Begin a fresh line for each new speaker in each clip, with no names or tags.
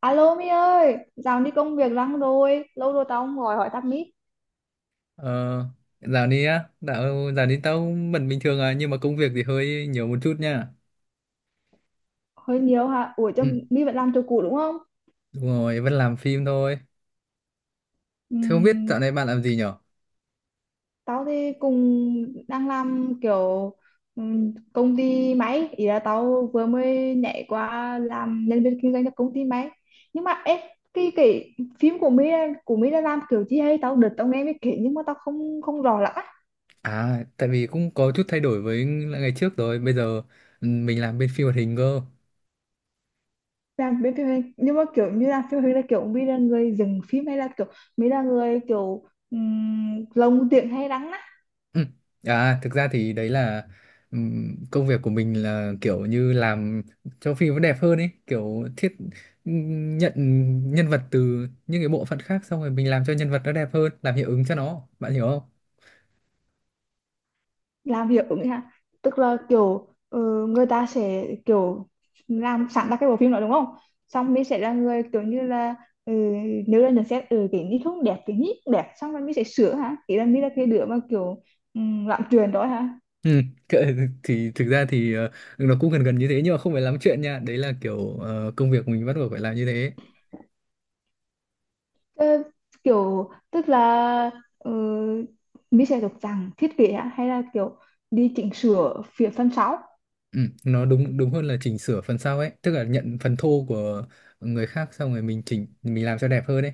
Alo My ơi, dạo đi công việc lắm rồi, lâu rồi tao không gọi hỏi thăm My.
Ờ, dạo này á, dạo này tao vẫn bình thường à, nhưng mà công việc thì hơi nhiều một chút nha.
Hơi nhiều hả? Ủa cho
Ừ.
My vẫn làm chỗ cũ đúng không?
Đúng rồi, vẫn làm phim thôi. Thế không biết
Ừm,
dạo này bạn làm gì nhở?
tao thì cùng đang làm kiểu công ty máy, ý là tao vừa mới nhảy qua làm nhân viên kinh doanh cho công ty máy. Nhưng mà ê, cái phim của My đã làm kiểu gì hay tao đợt tao nghe mới kể nhưng mà tao không không rõ lắm.
À, tại vì cũng có chút thay đổi với lại ngày trước rồi, bây giờ mình làm bên phim hoạt hình cơ.
Làm bên phim hành nhưng mà kiểu như là phim hành là kiểu mi là người dừng phim hay là kiểu mi là người kiểu lồng tiếng hay đắng á.
Ừ. À, thực ra thì đấy là công việc của mình là kiểu như làm cho phim nó đẹp hơn ấy, kiểu thiết nhận nhân vật từ những cái bộ phận khác, xong rồi mình làm cho nhân vật nó đẹp hơn, làm hiệu ứng cho nó, bạn hiểu không?
Làm hiệu ứng ha, tức là kiểu người ta sẽ kiểu làm sẵn ra cái bộ phim đó đúng không, xong mi sẽ là người kiểu như là, ừ, nếu là nhận xét, ừ, cái nhí không đẹp cái nhí đẹp xong rồi mi sẽ sửa hả, ý là mi là cái đứa mà kiểu làm truyền đó hả.
Ừ, thì thực ra thì nó cũng gần gần như thế, nhưng mà không phải lắm chuyện nha, đấy là kiểu công việc mình bắt buộc phải làm như thế.
Ờ, kiểu tức là ờ, mình sẽ được rằng thiết kế á, hay là kiểu đi chỉnh sửa phía phần sau.
Ừ, nó đúng đúng hơn là chỉnh sửa phần sau ấy, tức là nhận phần thô của người khác xong rồi mình chỉnh, mình làm cho đẹp hơn ấy.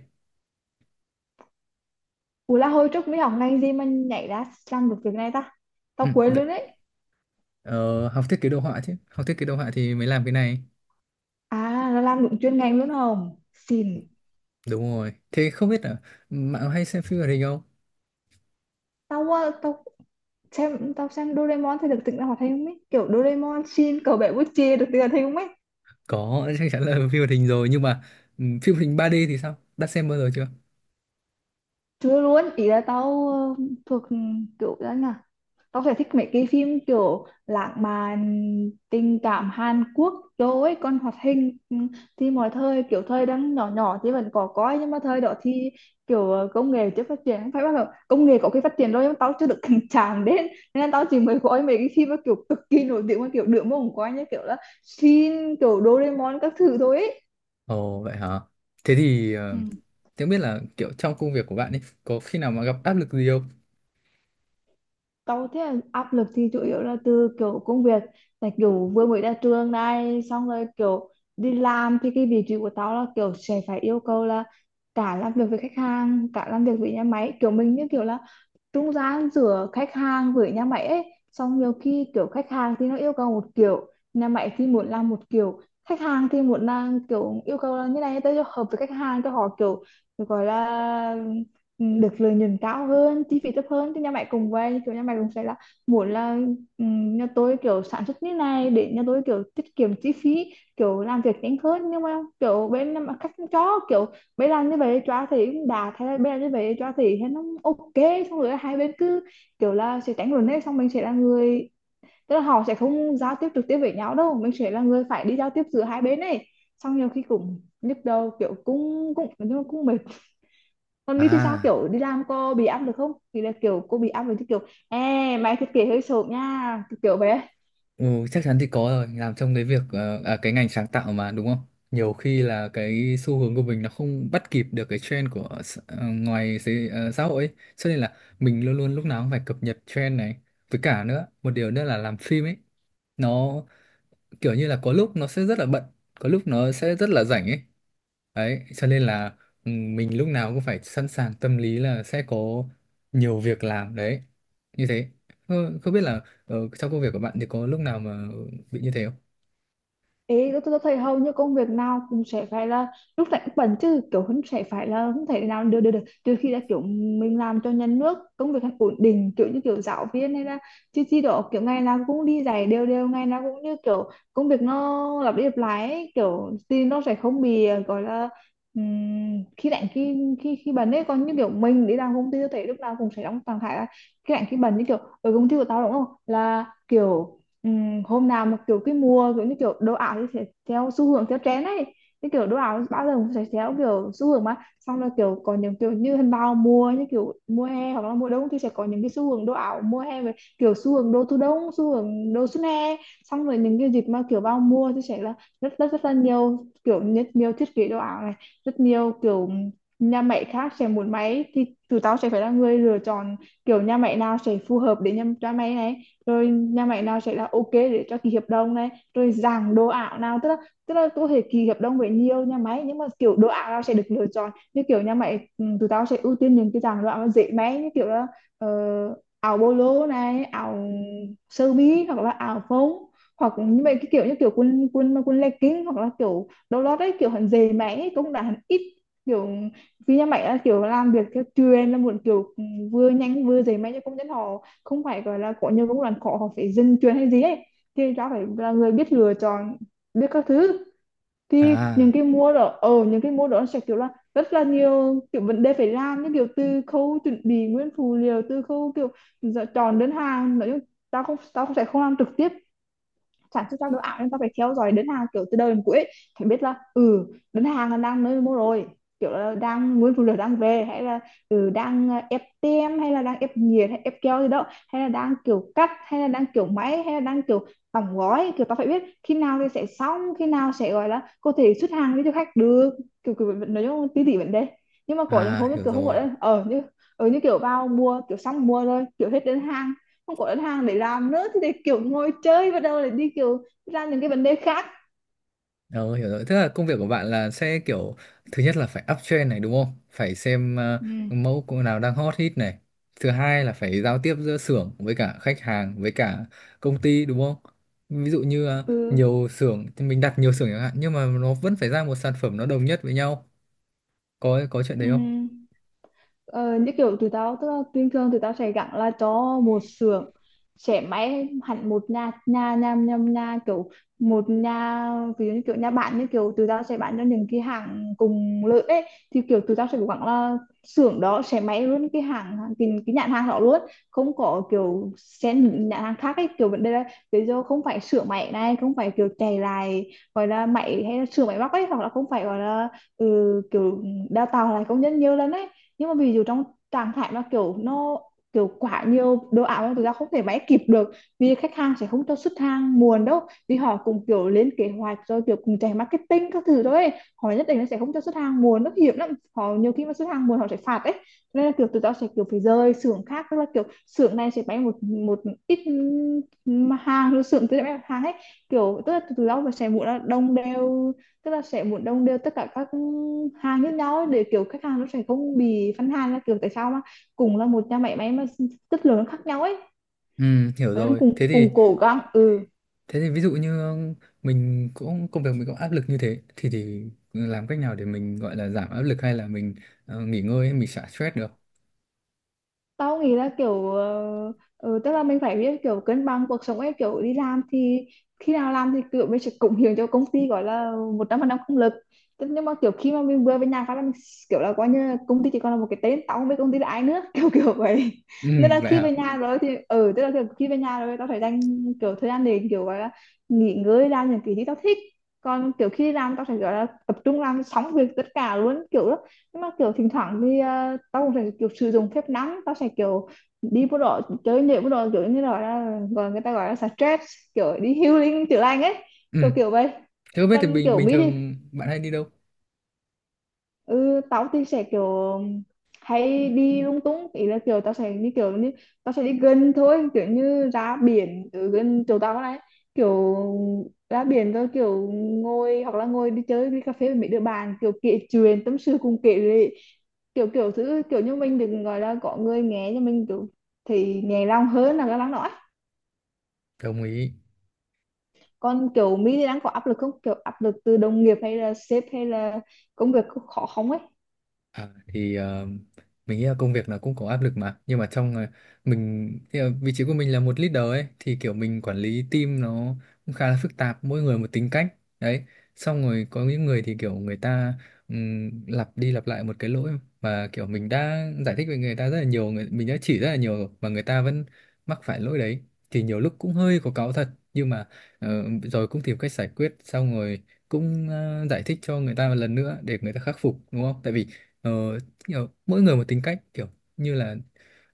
Ủa là hồi trước mới học ngành gì mà nhảy ra làm được việc này ta,
ừ,
tao quên
đấy.
luôn đấy.
Ờ, học thiết kế đồ họa chứ, học thiết kế đồ họa thì mới làm cái này.
À là làm đúng chuyên ngành luôn không xin.
Đúng rồi, thế không biết là bạn có hay xem phim hoạt hình không?
Tao tao xem, tao xem Doraemon thì được tỉnh ra hoạt hình không ấy, kiểu Doraemon xin cậu bé bút chia được tỉnh ra hoạt hình không ấy.
Có, chắc chắn là phim hoạt hình rồi, nhưng mà phim hoạt hình 3D thì sao, đã xem bao giờ chưa?
Chưa luôn, ý là tao, thuộc kiểu đó nhỉ. Tao sẽ thích mấy cái phim kiểu lãng mạn tình cảm Hàn Quốc đồ ấy, còn hoạt hình, ừ, thì mọi thời kiểu thời đang nhỏ nhỏ thì vẫn có coi nhưng mà thời đó thì kiểu công nghệ chưa phát triển. Không phải bắt đầu công nghệ có khi phát triển rồi nhưng mà tao chưa được cảnh chạm đến, nên là tao chỉ mới coi mấy cái phim mà kiểu cực kỳ nổi tiếng mà kiểu được mà không coi như kiểu là Shin, kiểu Doraemon các thứ thôi ấy.
Ồ vậy hả? Thế thì không biết là kiểu trong công việc của bạn ấy có khi nào mà gặp áp lực gì không?
Tao thấy là áp lực thì chủ yếu là từ kiểu công việc, tại kiểu vừa mới ra trường này xong rồi kiểu đi làm thì cái vị trí của tao là kiểu sẽ phải yêu cầu là cả làm việc với khách hàng cả làm việc với nhà máy, kiểu mình như kiểu là trung gian giữa khách hàng với nhà máy ấy. Xong nhiều khi kiểu khách hàng thì nó yêu cầu một kiểu, nhà máy thì muốn làm một kiểu, khách hàng thì muốn làm kiểu yêu cầu là như này tới cho hợp với khách hàng cho họ kiểu gọi là được lợi nhuận cao hơn chi phí thấp hơn, thì nhà máy cũng vậy, kiểu nhà máy cũng sẽ là muốn là nhà tôi kiểu sản xuất như này để nhà tôi kiểu tiết kiệm chi phí, kiểu làm việc nhanh hơn, nhưng mà kiểu bên nhà máy khách không cho kiểu mấy lần như vậy cho thì cũng đạt, thế là mấy lần như vậy cho thì thấy nó ok. Xong rồi hai bên cứ kiểu là sẽ tránh luận hết, xong mình sẽ là người, tức là họ sẽ không giao tiếp trực tiếp với nhau đâu, mình sẽ là người phải đi giao tiếp giữa hai bên này. Xong nhiều khi cũng nhức đầu, kiểu cũng cũng nhưng mà cũng mệt. Còn Mi thì sao,
À,
kiểu đi làm cô bị áp được không, thì là kiểu cô bị áp lực chứ kiểu ê mày thiết kế hơi sộp nha kiểu bé.
ừ, chắc chắn thì có rồi, làm trong cái việc cái ngành sáng tạo mà, đúng không? Nhiều khi là cái xu hướng của mình nó không bắt kịp được cái trend của ngoài xã hội ấy, cho nên là mình luôn luôn lúc nào cũng phải cập nhật trend này. Với cả nữa, một điều nữa là làm phim ấy, nó kiểu như là có lúc nó sẽ rất là bận, có lúc nó sẽ rất là rảnh ấy. Đấy, cho nên là mình lúc nào cũng phải sẵn sàng tâm lý là sẽ có nhiều việc làm đấy. Như thế. Không biết là trong công việc của bạn thì có lúc nào mà bị như thế không?
Ý tôi thấy hầu như công việc nào cũng sẽ phải là lúc này cũng bận chứ kiểu không sẽ phải là không thể nào được được được, trừ khi là kiểu mình làm cho nhà nước công việc ổn định kiểu như kiểu giáo viên hay là chứ chi đó, kiểu ngày nào cũng đi dạy đều đều, ngày nào cũng như kiểu công việc nó lặp đi lặp lại ấy, kiểu thì nó sẽ không bị gọi là khi lạnh khi khi khi bận ấy. Còn như kiểu mình đi làm công ty, tôi thấy lúc nào cũng sẽ đóng trạng thái là khi lạnh khi bận như kiểu ở công ty của tao đúng không, là kiểu ừm, hôm nào mà kiểu cái mùa kiểu như kiểu đồ ảo thì sẽ theo xu hướng theo trend ấy, cái kiểu đồ ảo bao giờ cũng sẽ theo kiểu xu hướng mà xong là kiểu có những kiểu như hình bao mùa như kiểu mùa hè hoặc là mùa đông thì sẽ có những cái xu hướng đồ ảo mùa hè về kiểu xu hướng đồ thu đông, xu hướng đồ xuân hè. Xong rồi những cái dịp mà kiểu vào mùa thì sẽ là rất rất rất là nhiều kiểu, rất nhiều thiết kế đồ ảo này, rất nhiều kiểu nhà máy khác sẽ muốn máy thì tụi tao sẽ phải là người lựa chọn kiểu nhà máy nào sẽ phù hợp để nhà, cho máy này, rồi nhà máy nào sẽ là ok để cho ký hợp đồng này rồi dạng đồ ảo nào, tức là có thể ký hợp đồng với nhiều nhà máy nhưng mà kiểu đồ ảo nào sẽ được lựa chọn như kiểu nhà máy, ừ, tụi tao sẽ ưu tiên những cái dạng đồ ảo dễ may như kiểu là ờ, áo bolo này, áo sơ mi hoặc là áo phông hoặc như vậy, cái kiểu như kiểu quần quần mà quần legging hoặc là kiểu đồ lót đấy, kiểu hẳn dày máy cũng đã hẳn ít kiểu vì nhà máy là kiểu làm việc theo truyền là muốn kiểu, ừ, vừa nhanh vừa dày máy cho công nhân họ không phải gọi là có nhiều công đoạn khó họ phải dừng chuyện hay gì ấy, thì ra phải là người biết lựa chọn biết các thứ. Thì những
À,
cái mua đó ở những cái mua đó sẽ kiểu là rất là nhiều kiểu vấn đề phải làm như kiểu từ khâu chuẩn bị nguyên phụ liệu, từ khâu kiểu giờ chọn đơn hàng. Nói chung tao không, tao không sẽ không làm trực tiếp sản xuất ra đồ ảo nên ta phải theo dõi đơn hàng kiểu từ đầu đến cuối ấy. Phải biết là, ừ, đơn hàng là đang nơi mua rồi, kiểu là đang nguyên phụ liệu đang về, hay là ừ, đang ép tem hay là đang ép nhiệt hay ép keo gì đó, hay là đang kiểu cắt hay là đang kiểu máy hay là đang kiểu đóng gói, kiểu ta phải biết khi nào thì sẽ xong, khi nào sẽ gọi là có thể xuất hàng với cho khách được, kiểu kiểu nói chung tí tỉ vấn đề. Nhưng mà có những
à,
hôm như
hiểu
kiểu không
rồi.
gọi là ở như kiểu vào mua kiểu xong mua rồi kiểu hết đơn hàng, không có đơn hàng để làm nữa thì để kiểu ngồi chơi bắt đầu để đi kiểu ra những cái vấn đề khác.
Ờ, hiểu rồi. Tức là công việc của bạn là sẽ kiểu thứ nhất là phải uptrend này, đúng không? Phải xem
Ừ,
mẫu cô nào đang hot hit này. Thứ hai là phải giao tiếp giữa xưởng với cả khách hàng với cả công ty, đúng không? Ví dụ như
ừ,
nhiều xưởng thì mình đặt nhiều xưởng chẳng hạn, nhưng mà nó vẫn phải ra một sản phẩm nó đồng nhất với nhau. Có chuyện
ừ.
đấy không?
Ờ, như kiểu tụi tao tức là bình thường tụi tao sẽ gắn là cho một xưởng sẽ máy hẳn một nhà nhà nhà nhà, nhà kiểu một nhà, ví dụ như kiểu nhà bạn như kiểu tụi tao sẽ bán cho những cái hàng cùng lợi ấy, thì kiểu tụi tao sẽ gắn là xưởng đó sẽ máy luôn cái hàng cái nhãn hàng đó luôn, không có kiểu xen những nhãn hàng khác ấy, kiểu vấn đề là ví dụ không phải sửa máy này, không phải kiểu chạy lại gọi là máy hay là sửa máy móc ấy, hoặc là không phải gọi là ừ, kiểu đào tạo lại công nhân nhiều lần ấy. Nhưng mà ví dụ trong trạng thái mà kiểu nó kiểu quá nhiều đồ ảo mà thực ra không thể máy kịp được, vì khách hàng sẽ không cho xuất hàng muộn đâu, vì họ cũng kiểu lên kế hoạch rồi kiểu cùng chạy marketing các thứ thôi, họ nhất định nó sẽ không cho xuất hàng muộn, nó hiểm lắm, họ nhiều khi mà xuất hàng muộn họ sẽ phạt ấy, nên là kiểu tụi tao sẽ kiểu phải rời xưởng khác, tức là kiểu xưởng này sẽ bán một một ít mà hàng, rồi xưởng kia sẽ bán hàng ấy, kiểu tức là tụi tao sẽ muốn là đông đều, tức là sẽ muốn đồng đều tất cả các hàng với nhau ấy, để kiểu khách hàng nó sẽ không bị phân hàng là kiểu tại sao mà cùng là một nhà máy máy mà chất lượng nó khác nhau ấy.
Ừ, hiểu
Và em
rồi. Thế
cùng
thì
cùng cố gắng, ừ,
thế thì ví dụ như mình cũng, công việc mình có áp lực như thế, thì làm cách nào để mình gọi là giảm áp lực, hay là mình nghỉ ngơi ấy, mình xả stress được?
tao nghĩ là kiểu tức là mình phải biết kiểu cân bằng cuộc sống ấy, kiểu đi làm thì khi nào làm thì kiểu mình sẽ cống hiến cho công ty, gọi là một trăm phần trăm công lực. Thế nhưng mà kiểu khi mà mình vừa về nhà phát là mình kiểu là coi như là công ty chỉ còn là một cái tên, tao không biết công ty là ai nữa kiểu kiểu vậy. Nên
Ừ,
là
vậy
khi
hả?
về nhà rồi thì tức là kiểu khi về nhà rồi tao phải dành kiểu thời gian để kiểu gọi là nghỉ ngơi, làm những cái gì tao thích. Còn kiểu khi đi làm tao phải gọi là tập trung làm xong việc tất cả luôn, kiểu nhưng mà kiểu thỉnh thoảng thì tao cũng sẽ kiểu sử dụng phép nắng, tao sẽ kiểu đi bộ đội chơi, nhảy bộ đội, kiểu như là gọi người ta gọi là stress, kiểu đi healing, chữa lành ấy,
Ừ.
kiểu kiểu vậy.
Thế không biết thì
Còn
bình
kiểu
bình
Mỹ thì
thường bạn hay đi đâu?
ừ tao thì sẽ kiểu hay đi lung tung, ý là kiểu tao sẽ đi kiểu như tao sẽ đi gần thôi, kiểu như ra biển ở gần chỗ tao này, kiểu ra biển rồi kiểu ngồi, hoặc là ngồi đi chơi đi cà phê với mấy đứa bạn, kiểu kể chuyện tâm sự cùng kể lệ, kiểu kiểu thứ, kiểu như mình đừng gọi là có người nghe cho mình, kiểu thì nhẹ lòng hơn là cái lắng nói.
Đồng ý.
Còn kiểu Mỹ thì đang có áp lực không, kiểu áp lực từ đồng nghiệp hay là sếp hay là công việc khó không ấy?
À, thì mình nghĩ là công việc nó cũng có áp lực mà, nhưng mà trong mình thì, vị trí của mình là một leader ấy, thì kiểu mình quản lý team nó cũng khá là phức tạp, mỗi người một tính cách đấy, xong rồi có những người thì kiểu người ta lặp đi lặp lại một cái lỗi mà kiểu mình đã giải thích với người ta rất là nhiều, người mình đã chỉ rất là nhiều rồi mà người ta vẫn mắc phải lỗi đấy, thì nhiều lúc cũng hơi có cáu thật, nhưng mà ờ, rồi cũng tìm cách giải quyết, xong rồi cũng giải thích cho người ta một lần nữa để người ta khắc phục, đúng không, tại vì ờ, kiểu mỗi người một tính cách, kiểu như là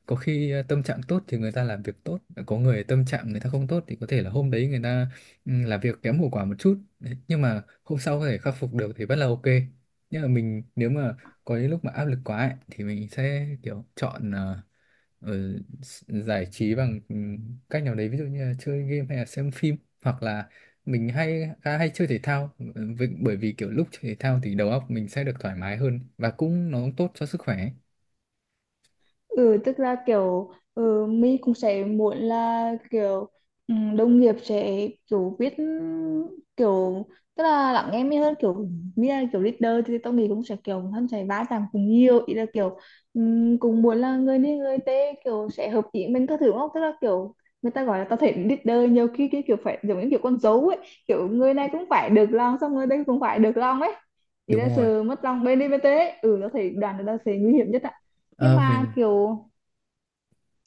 có khi tâm trạng tốt thì người ta làm việc tốt, có người tâm trạng người ta không tốt thì có thể là hôm đấy người ta làm việc kém hiệu quả một chút. Đấy, nhưng mà hôm sau có thể khắc phục được thì vẫn là ok, nhưng mà mình nếu mà có những lúc mà áp lực quá ấy, thì mình sẽ kiểu chọn ờ, giải trí bằng cách nào đấy, ví dụ như là chơi game hay là xem phim, hoặc là mình hay chơi thể thao, bởi vì kiểu lúc chơi thể thao thì đầu óc mình sẽ được thoải mái hơn, và nó cũng tốt cho sức khỏe ấy.
Ừ, tức là kiểu mình cũng sẽ muốn là kiểu đồng nghiệp sẽ kiểu biết kiểu, tức là lắng nghe mình hơn, kiểu như là kiểu leader thì tôi nghĩ cũng sẽ kiểu hắn sẽ va chạm cùng nhiều, ý là kiểu cũng muốn là người đi người tê kiểu sẽ hợp ý mình các thứ, đúng không, tức là kiểu người ta gọi là tao thấy leader nhiều khi cái kiểu phải giống như kiểu con dấu ấy, kiểu người này cũng phải được lòng, xong người đây cũng phải được lòng ấy, thì
Đúng
là
rồi.
sự mất lòng bên đi bên tê ấy. Ừ, tao thấy đoàn người ta sẽ nguy hiểm nhất ạ. Nhưng
Ờ,
mà
mình,
kiểu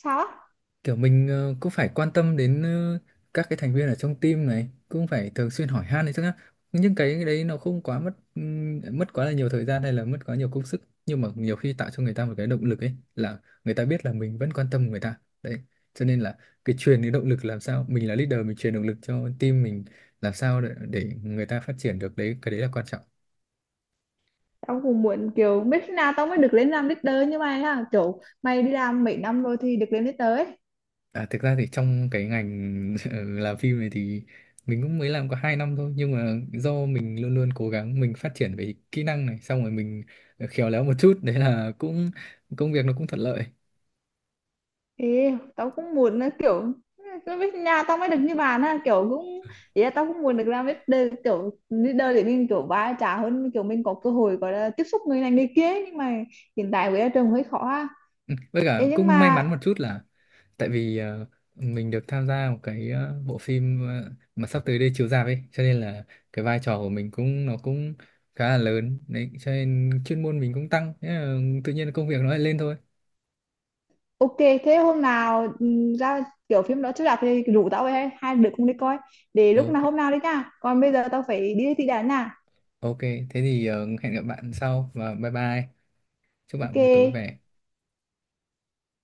sao á,
cũng phải quan tâm đến các cái thành viên ở trong team này, cũng phải thường xuyên hỏi han đấy chứ nhá. Nhưng cái đấy nó không quá mất, mất quá là nhiều thời gian hay là mất quá nhiều công sức, nhưng mà nhiều khi tạo cho người ta một cái động lực ấy, là người ta biết là mình vẫn quan tâm người ta đấy, cho nên là cái truyền cái động lực, làm sao mình là leader mình truyền động lực cho team mình, làm sao để người ta phát triển được đấy, cái đấy là quan trọng.
tao cũng muốn kiểu biết khi nào tao mới được lên làm leader như mày ha, kiểu mày đi làm mấy năm rồi thì được lên leader ấy.
À, thực ra thì trong cái ngành làm phim này thì mình cũng mới làm có 2 năm thôi, nhưng mà do mình luôn luôn cố gắng mình phát triển về kỹ năng này, xong rồi mình khéo léo một chút, đấy là cũng công việc nó cũng thuận lợi.
Ê, tao cũng muốn là kiểu nó biết nhà tao mới được như bạn ha, kiểu cũng ý là tao cũng muốn được làm leader, kiểu leader để mình kiểu va chạm hơn, kiểu mình có cơ hội gọi là tiếp xúc người này người kia ấy. Nhưng mà hiện tại với trường hơi khó ha.
Ừ, với cả
Ê, nhưng
cũng may
mà
mắn một chút là, tại vì mình được tham gia một cái bộ phim mà sắp tới đây chiếu rạp ấy, cho nên là cái vai trò của mình nó cũng khá là lớn đấy, cho nên chuyên môn mình cũng tăng, thế là tự nhiên công việc nó lại lên thôi.
ok, thế hôm nào ra kiểu phim đó chiếu rạp thì rủ tao về hay hai đứa cùng đi coi, để lúc nào
Ok.
hôm nào đi nha, còn bây giờ tao phải đi thi đã nha.
Ok, thế thì hẹn gặp bạn sau và bye bye. Chúc
Ok,
bạn buổi tối vui vẻ.